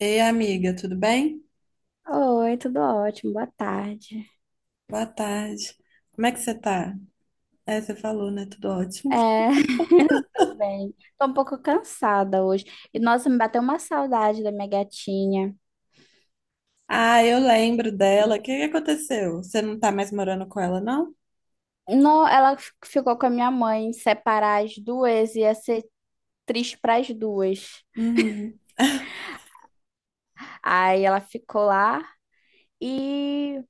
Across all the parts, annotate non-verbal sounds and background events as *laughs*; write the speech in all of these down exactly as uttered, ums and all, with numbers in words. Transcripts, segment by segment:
Ei, amiga, tudo bem? Oi, tudo ótimo, boa tarde. Boa tarde. Como é que você tá? É, você falou, né? Tudo ótimo. É, *laughs* tô bem. Tô um pouco cansada hoje. E nossa, me bateu uma saudade da minha gatinha. Ah, eu lembro dela. O que que aconteceu? Você não tá mais morando com ela, não? Não, ela fi- ficou com a minha mãe, separar as duas ia ser triste para as duas. Uhum. Aí ela ficou lá e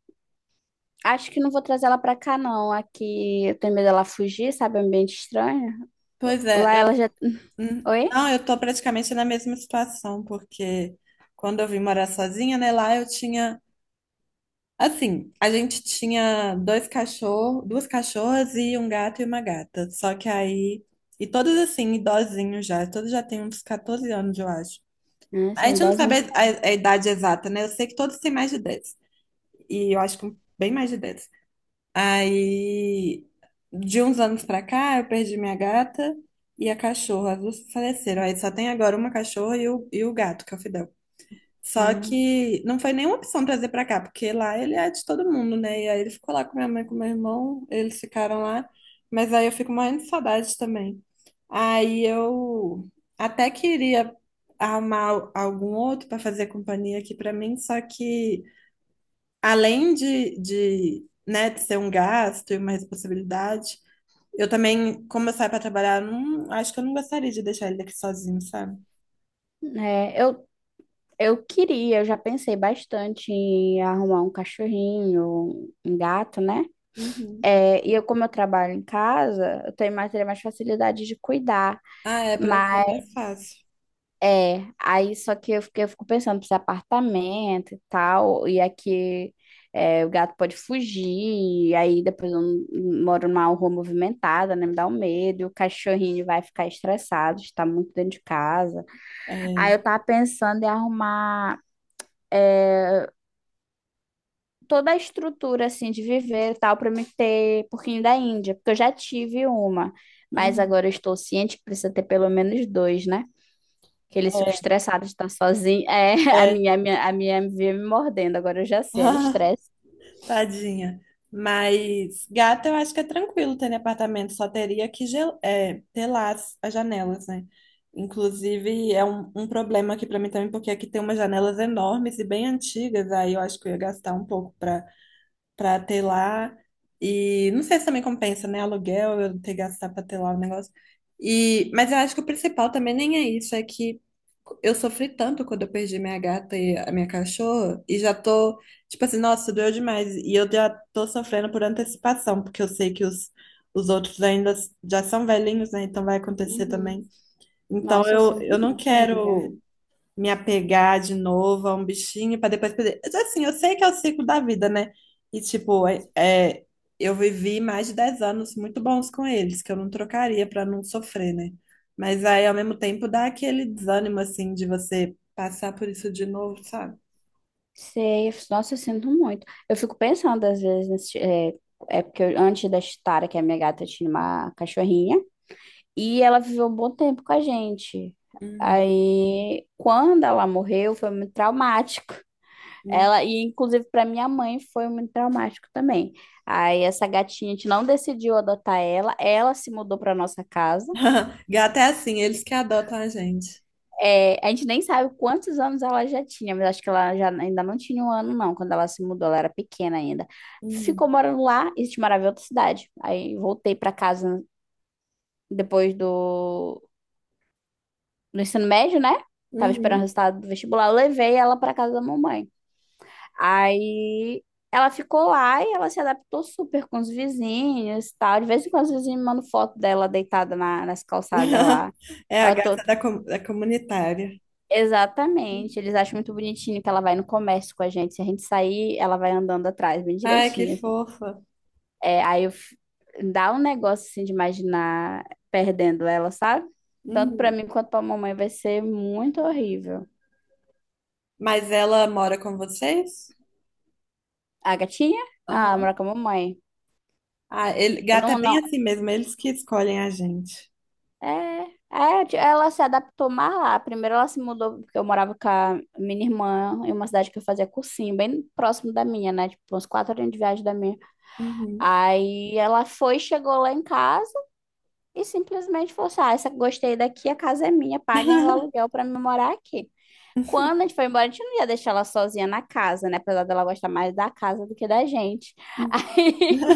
acho que não vou trazer ela pra cá não. Aqui eu tenho medo dela fugir, sabe, é um ambiente estranho. Pois é, Lá eu ela já *laughs* hum, Oi? não, eu tô praticamente na mesma situação, porque quando eu vim morar sozinha, né, lá eu tinha assim, a gente tinha dois cachorros, duas cachorras e um gato e uma gata. Só que aí e todos assim, idosinhos já, todos já têm uns catorze anos, eu acho. Né, A são gente não idosos, sabe né? a, a idade exata, né? Eu sei que todos têm mais de dez, e eu acho que bem mais de dez. Aí, de uns anos pra cá, eu perdi minha gata e a cachorra. As duas faleceram. Aí só tem agora uma cachorra e o, e o gato, que é o Fidel. Só Ah. que não foi nenhuma opção trazer pra cá, porque lá ele é de todo mundo, né? E aí ele ficou lá com minha mãe, com meu irmão, eles ficaram lá. Mas aí eu fico morrendo de saudade também. Aí eu até queria arrumar al- algum outro para fazer companhia aqui pra mim, só que além de, de, né, de ser um gasto e uma responsabilidade, eu também, como eu saio para trabalhar, eu não, acho que eu não gostaria de deixar ele aqui sozinho, sabe? É, eu Eu queria, eu já pensei bastante em arrumar um cachorrinho, um gato, né? Uhum. É, e eu, como eu trabalho em casa, eu tenho mais, teria mais facilidade de cuidar. Ah, é, para ser Mas mais fácil. é, aí só que eu, fiquei, eu fico pensando, precisa apartamento e tal, e aqui é, o gato pode fugir, e aí depois eu não- moro numa rua movimentada, né? Me dá um medo, e o cachorrinho vai ficar estressado, está muito dentro de casa. Aí É. eu tava pensando em arrumar toda a estrutura assim de viver e tal para me ter porquinho da Índia, porque eu já tive uma, mas Hum, agora eu estou ciente que precisa ter pelo menos dois, né? Que eles ficam estressados de estar sozinho. É, *laughs* a é, é. minha, a minha, a minha vinha me mordendo, agora eu já sei, era estresse. *laughs* Tadinha. Mas gato eu acho que é tranquilo ter em apartamento, só teria que gel é, telar as, as janelas, né? Inclusive, é um, um problema aqui para mim também, porque aqui tem umas janelas enormes e bem antigas, aí eu acho que eu ia gastar um pouco para pra ter lá. E não sei se também compensa, né? Aluguel, eu ter que gastar pra ter lá o negócio. E, mas eu acho que o principal também nem é isso, é que eu sofri tanto quando eu perdi minha gata e a minha cachorra, e já tô, tipo assim, nossa, doeu demais. E eu já tô sofrendo por antecipação, porque eu sei que os, os outros ainda já são velhinhos, né? Então vai acontecer Uhum. também. Então Nossa, eu eu, sinto eu não muito, amiga. quero me apegar de novo a um bichinho para depois perder. Mas, assim, eu sei que é o ciclo da vida, né? E tipo, é, é, eu vivi mais de dez anos muito bons com eles, que eu não trocaria para não sofrer, né? Mas aí, ao mesmo tempo, dá aquele desânimo, assim, de você passar por isso de novo, sabe? Sei, nossa, eu sinto muito. Eu fico pensando às vezes, nesse- é, é porque eu- antes da Chitara, que é a minha gata, eu tinha uma cachorrinha. E ela viveu um bom tempo com a gente. Uhum. Aí, quando ela morreu, foi muito traumático. Uhum. Ela, e inclusive para minha mãe foi muito traumático também. Aí, essa gatinha, a gente não decidiu adotar ela, ela se mudou para nossa casa. *laughs* Gato é assim, eles que adotam a gente. É, a gente nem sabe quantos anos ela já tinha, mas acho que ela já ainda não tinha um ano, não, quando ela se mudou, ela era pequena ainda. Ficou Uhum. morando lá e a gente morava em outra cidade. Aí, voltei para casa depois do no ensino médio, né? Tava esperando o Uhum. resultado do vestibular, eu levei ela pra casa da mamãe. Aí ela ficou lá e ela se adaptou super com os vizinhos e tal. De vez em quando os vizinhos me mandam foto dela deitada na, nas calçadas lá. *laughs* É a Ela tô... gata da, com- da comunitária. Exatamente, eles acham muito bonitinho que ela vai no comércio com a gente. Se a gente sair, ela vai andando atrás, bem Ai, que direitinho, assim. fofa. É, aí eu... f- dá um negócio assim de imaginar perdendo ela, sabe? Tanto pra Uhum. mim quanto pra mamãe vai ser muito horrível. Mas ela mora com vocês? A gatinha? Ah, mora Aham. com a mamãe. Ah, ele, Eu gato é não, bem não. assim mesmo, eles que escolhem a gente. É, é, ti- ela se adaptou mais lá. Primeiro ela se mudou, porque eu morava com a minha irmã em uma cidade que eu fazia cursinho, bem próximo da minha, né? Tipo, uns quatro horas de viagem da minha. Uhum. Aí ela foi, chegou lá em casa e simplesmente falou assim: Ah, essa, gostei daqui, a casa é minha, paguem o aluguel pra me morar aqui. Quando a *laughs* gente foi embora, a gente não ia deixar ela sozinha na casa, né? Apesar dela gostar mais da casa do que da gente. *laughs*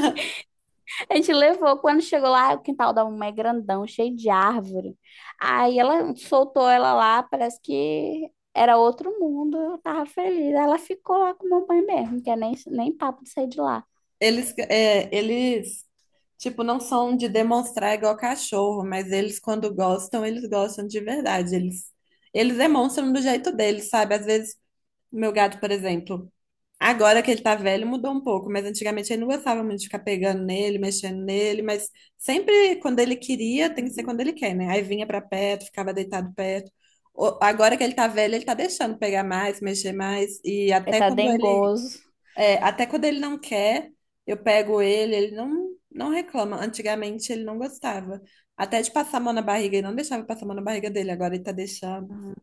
A gente levou, quando chegou lá, o quintal da mamãe é grandão, cheio de árvore. Aí ela soltou ela lá, parece que era outro mundo, eu tava feliz. Aí ela ficou lá com a mamãe mesmo, que é nem, nem papo de sair de lá. Eles, é, eles, tipo, não são de demonstrar igual cachorro, mas eles, quando gostam, eles gostam de verdade. Eles, eles demonstram do jeito deles, sabe? Às vezes meu gato, por exemplo, agora que ele tá velho, mudou um pouco, mas antigamente ele não gostava muito de ficar pegando nele, mexendo nele, mas sempre quando ele queria, tem que ser Uhum. quando ele quer, né? Aí vinha pra perto, ficava deitado perto. O- Agora que ele tá velho, ele tá deixando pegar mais, mexer mais, e Ele até tá quando ele, dengoso. é, até quando ele não quer, eu pego ele, ele não, não reclama. Antigamente ele não gostava. Até de passar a mão na barriga, ele não deixava eu passar a mão na barriga dele, agora ele tá deixando. Uhum.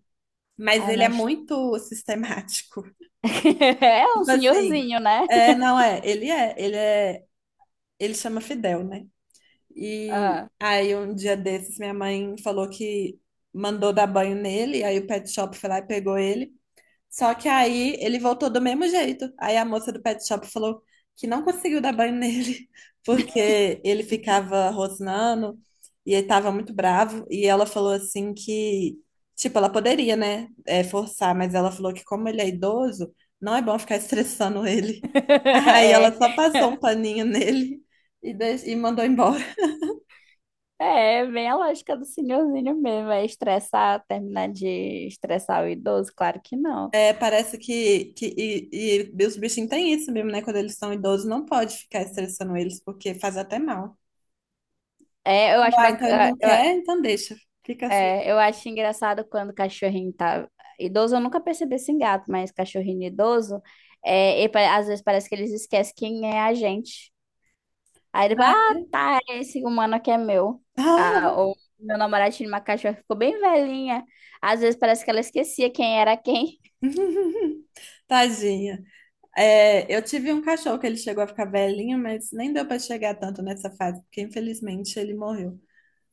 Mas Aí ele é nós... muito *laughs* sistemático. *laughs* É um Tipo assim, senhorzinho, né? é, não é, ele é, ele é, ele chama Fidel, né? E Ah, aí, um dia desses, minha mãe falou que mandou dar banho nele, aí o pet shop foi lá e pegou ele. Só que aí ele voltou do mesmo jeito. Aí a moça do pet shop falou que não conseguiu dar banho nele, *laughs* porque ele ficava rosnando e ele tava muito bravo. E ela falou assim que, tipo, ela poderia, né, é, forçar, mas ela falou que como ele é idoso, não é bom ficar estressando ele. *laughs* Aí ela só passou um *laughs* paninho nele e, deix- e mandou embora. é, é bem a lógica do senhorzinho mesmo. É estressar, terminar de estressar o idoso? Claro que não. É, parece que, que e, e os bichinhos têm isso mesmo, né? Quando eles são idosos, não pode ficar estressando eles, porque faz até mal. É, eu acho Ah, então ele bacana. não quer, então deixa. Fica assim. É, eu acho engraçado quando o cachorrinho tá idoso, eu nunca percebi isso em gato, mas cachorrinho idoso, é, e pa- às vezes parece que eles esquecem quem é a gente. Aí ele fala, Ah, ah, é? tá, é esse humano aqui é meu. Ah, Ah! ou meu namorado tinha uma cachorra que ficou bem velhinha. Às vezes parece que ela esquecia quem era quem. *laughs* Tadinha. É, eu tive um cachorro que ele chegou a ficar velhinho, mas nem deu para chegar tanto nessa fase, porque infelizmente ele morreu.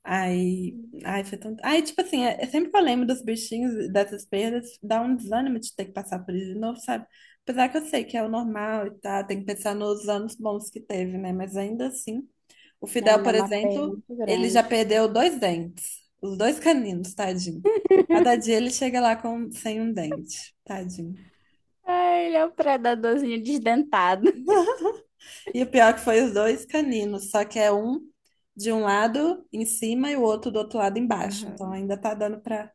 Aí, ai, foi tão. Aí, tipo assim, é, é sempre que eu lembro dos bichinhos, e dessas perdas, dá um desânimo de ter que passar por isso de novo, sabe? Apesar que eu sei que é o normal e tá tem que pensar nos anos bons que teve, né? Mas ainda assim, o Né? Fidel, Ainda é por uma perda exemplo, muito ele já grande. perdeu dois dentes, os dois caninos, tadinho. Cada *laughs* dia ele chega lá com, sem um dente, tadinho. Ai, ele é um predadorzinho desdentado. *laughs* E o pior é que foi os dois caninos, só que é um de um lado em cima e o outro do outro lado embaixo. Então Aham. ainda tá dando pra.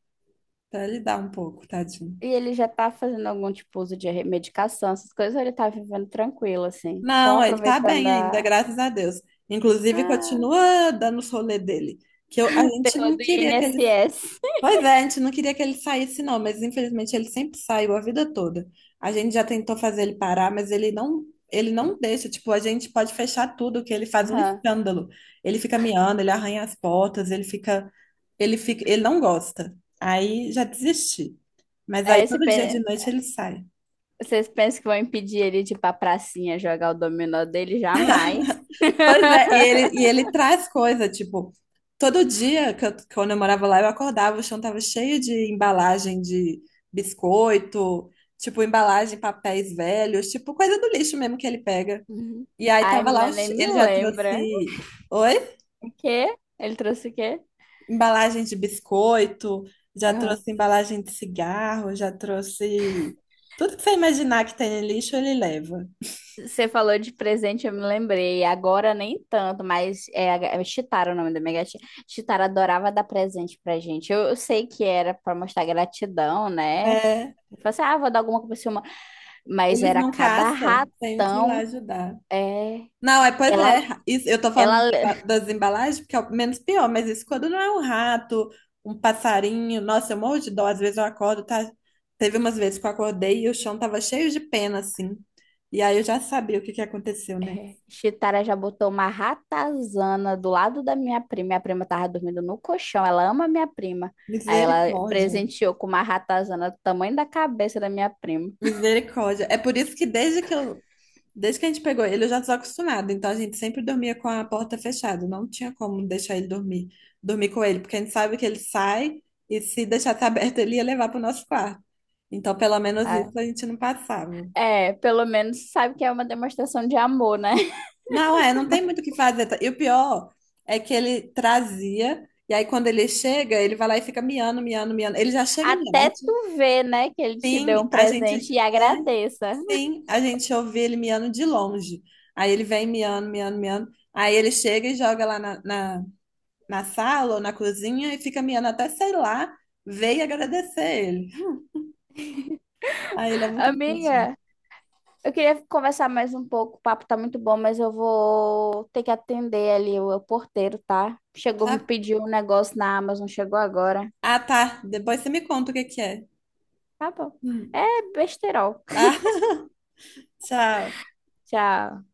Pra ele dar um pouco, tadinho. E ele já tá fazendo algum tipo uso de medicação, essas coisas, ou ele tá vivendo tranquilo, assim, só Não, ele tá aproveitando bem ainda, a, graças a Deus. Inclusive, a continua dando os rolê dele. Que eu- a gente terror não do queria que ele. I N dois S. Pois é, a gente não queria que ele saísse, não, mas infelizmente ele sempre saiu a vida toda. A gente já tentou fazer ele parar, mas ele não, ele não deixa. Tipo, a gente pode fechar tudo, que ele *laughs* faz um Aham. escândalo. Ele fica miando, ele arranha as portas, ele fica, ele fica, ele não gosta. Aí já desisti. Mas É, aí esse todo dia de pe- noite ele sai. vocês pensam que vão impedir ele de ir pra pracinha jogar o dominó dele? Jamais. Pois é, e ele, e *laughs* ele traz coisa, tipo, todo dia que eu- quando eu morava lá, eu acordava, o chão tava cheio de embalagem de biscoito, tipo, embalagem, papéis velhos, tipo, coisa do lixo mesmo que ele pega. Uhum. E aí Ai, tava lá, menina, o nem che- me ele já lembra. trouxe, oi? O quê? Ele trouxe o quê? Embalagem de biscoito, já Aham. trouxe embalagem de cigarro, já trouxe tudo que você imaginar que tem em lixo, ele leva. Você falou de presente, eu me lembrei. Agora nem tanto, mas é, é Chitara o nome da minha gatinha. Chitara adorava dar presente pra gente. Eu, eu sei que era pra mostrar gratidão, né? É, Eu falei assim, ah, vou dar alguma coisa pra você, uma. Mas eles era não cada caçam, tenho que ir lá ratão. ajudar. É, Não, é, pois ela, é. Isso, eu tô falando ela, de ba- das embalagens, porque é o menos pior, mas isso quando não é um rato, um passarinho. Nossa, eu morro de dó. Às vezes eu acordo, tá? Teve umas vezes que eu acordei e o chão tava cheio de pena, assim. E aí eu já sabia o que que aconteceu, né? é, Chitara já botou uma ratazana do lado da minha prima. Minha prima tava dormindo no colchão. Ela ama minha prima. Aí ela Misericórdia. presenteou com uma ratazana do tamanho da cabeça da minha prima. Misericórdia. É por isso que desde que eu desde que a gente pegou ele, eu já estava acostumada. Então a gente sempre dormia com a porta fechada. Não tinha como deixar ele dormir, dormir com ele, porque a gente sabe que ele sai e se deixasse *laughs* aberto, ele ia levar para o nosso quarto. Então, pelo menos isso a gente não passava. É, pelo menos sabe que é uma demonstração de amor, né? *laughs* Não, é, não tem muito o que fazer. Tá? E o pior é que ele trazia, e aí quando ele chega, ele vai lá e fica miando, miando, miando. Ele já chega Até miando. tu ver, né, que ele te deu Sim, um a gente presente e é, agradeça. sim, a gente ouve ele miando de longe. Aí ele vem miando, miando, miando. Aí ele chega e joga lá na, na, na sala ou na cozinha e fica miando até, sei lá, ver e agradecer ele. Aí ele é muito bonitinho. Amiga, eu queria conversar mais um pouco. O papo tá muito bom, mas eu vou ter que atender ali o, o porteiro, tá? Chegou, Tá, me pediu um negócio na Amazon, chegou agora. ah, tá. Depois você me conta o que que é. Tá bom. Hum. É besterol. Ah, *laughs* *laughs* tchau. Tchau.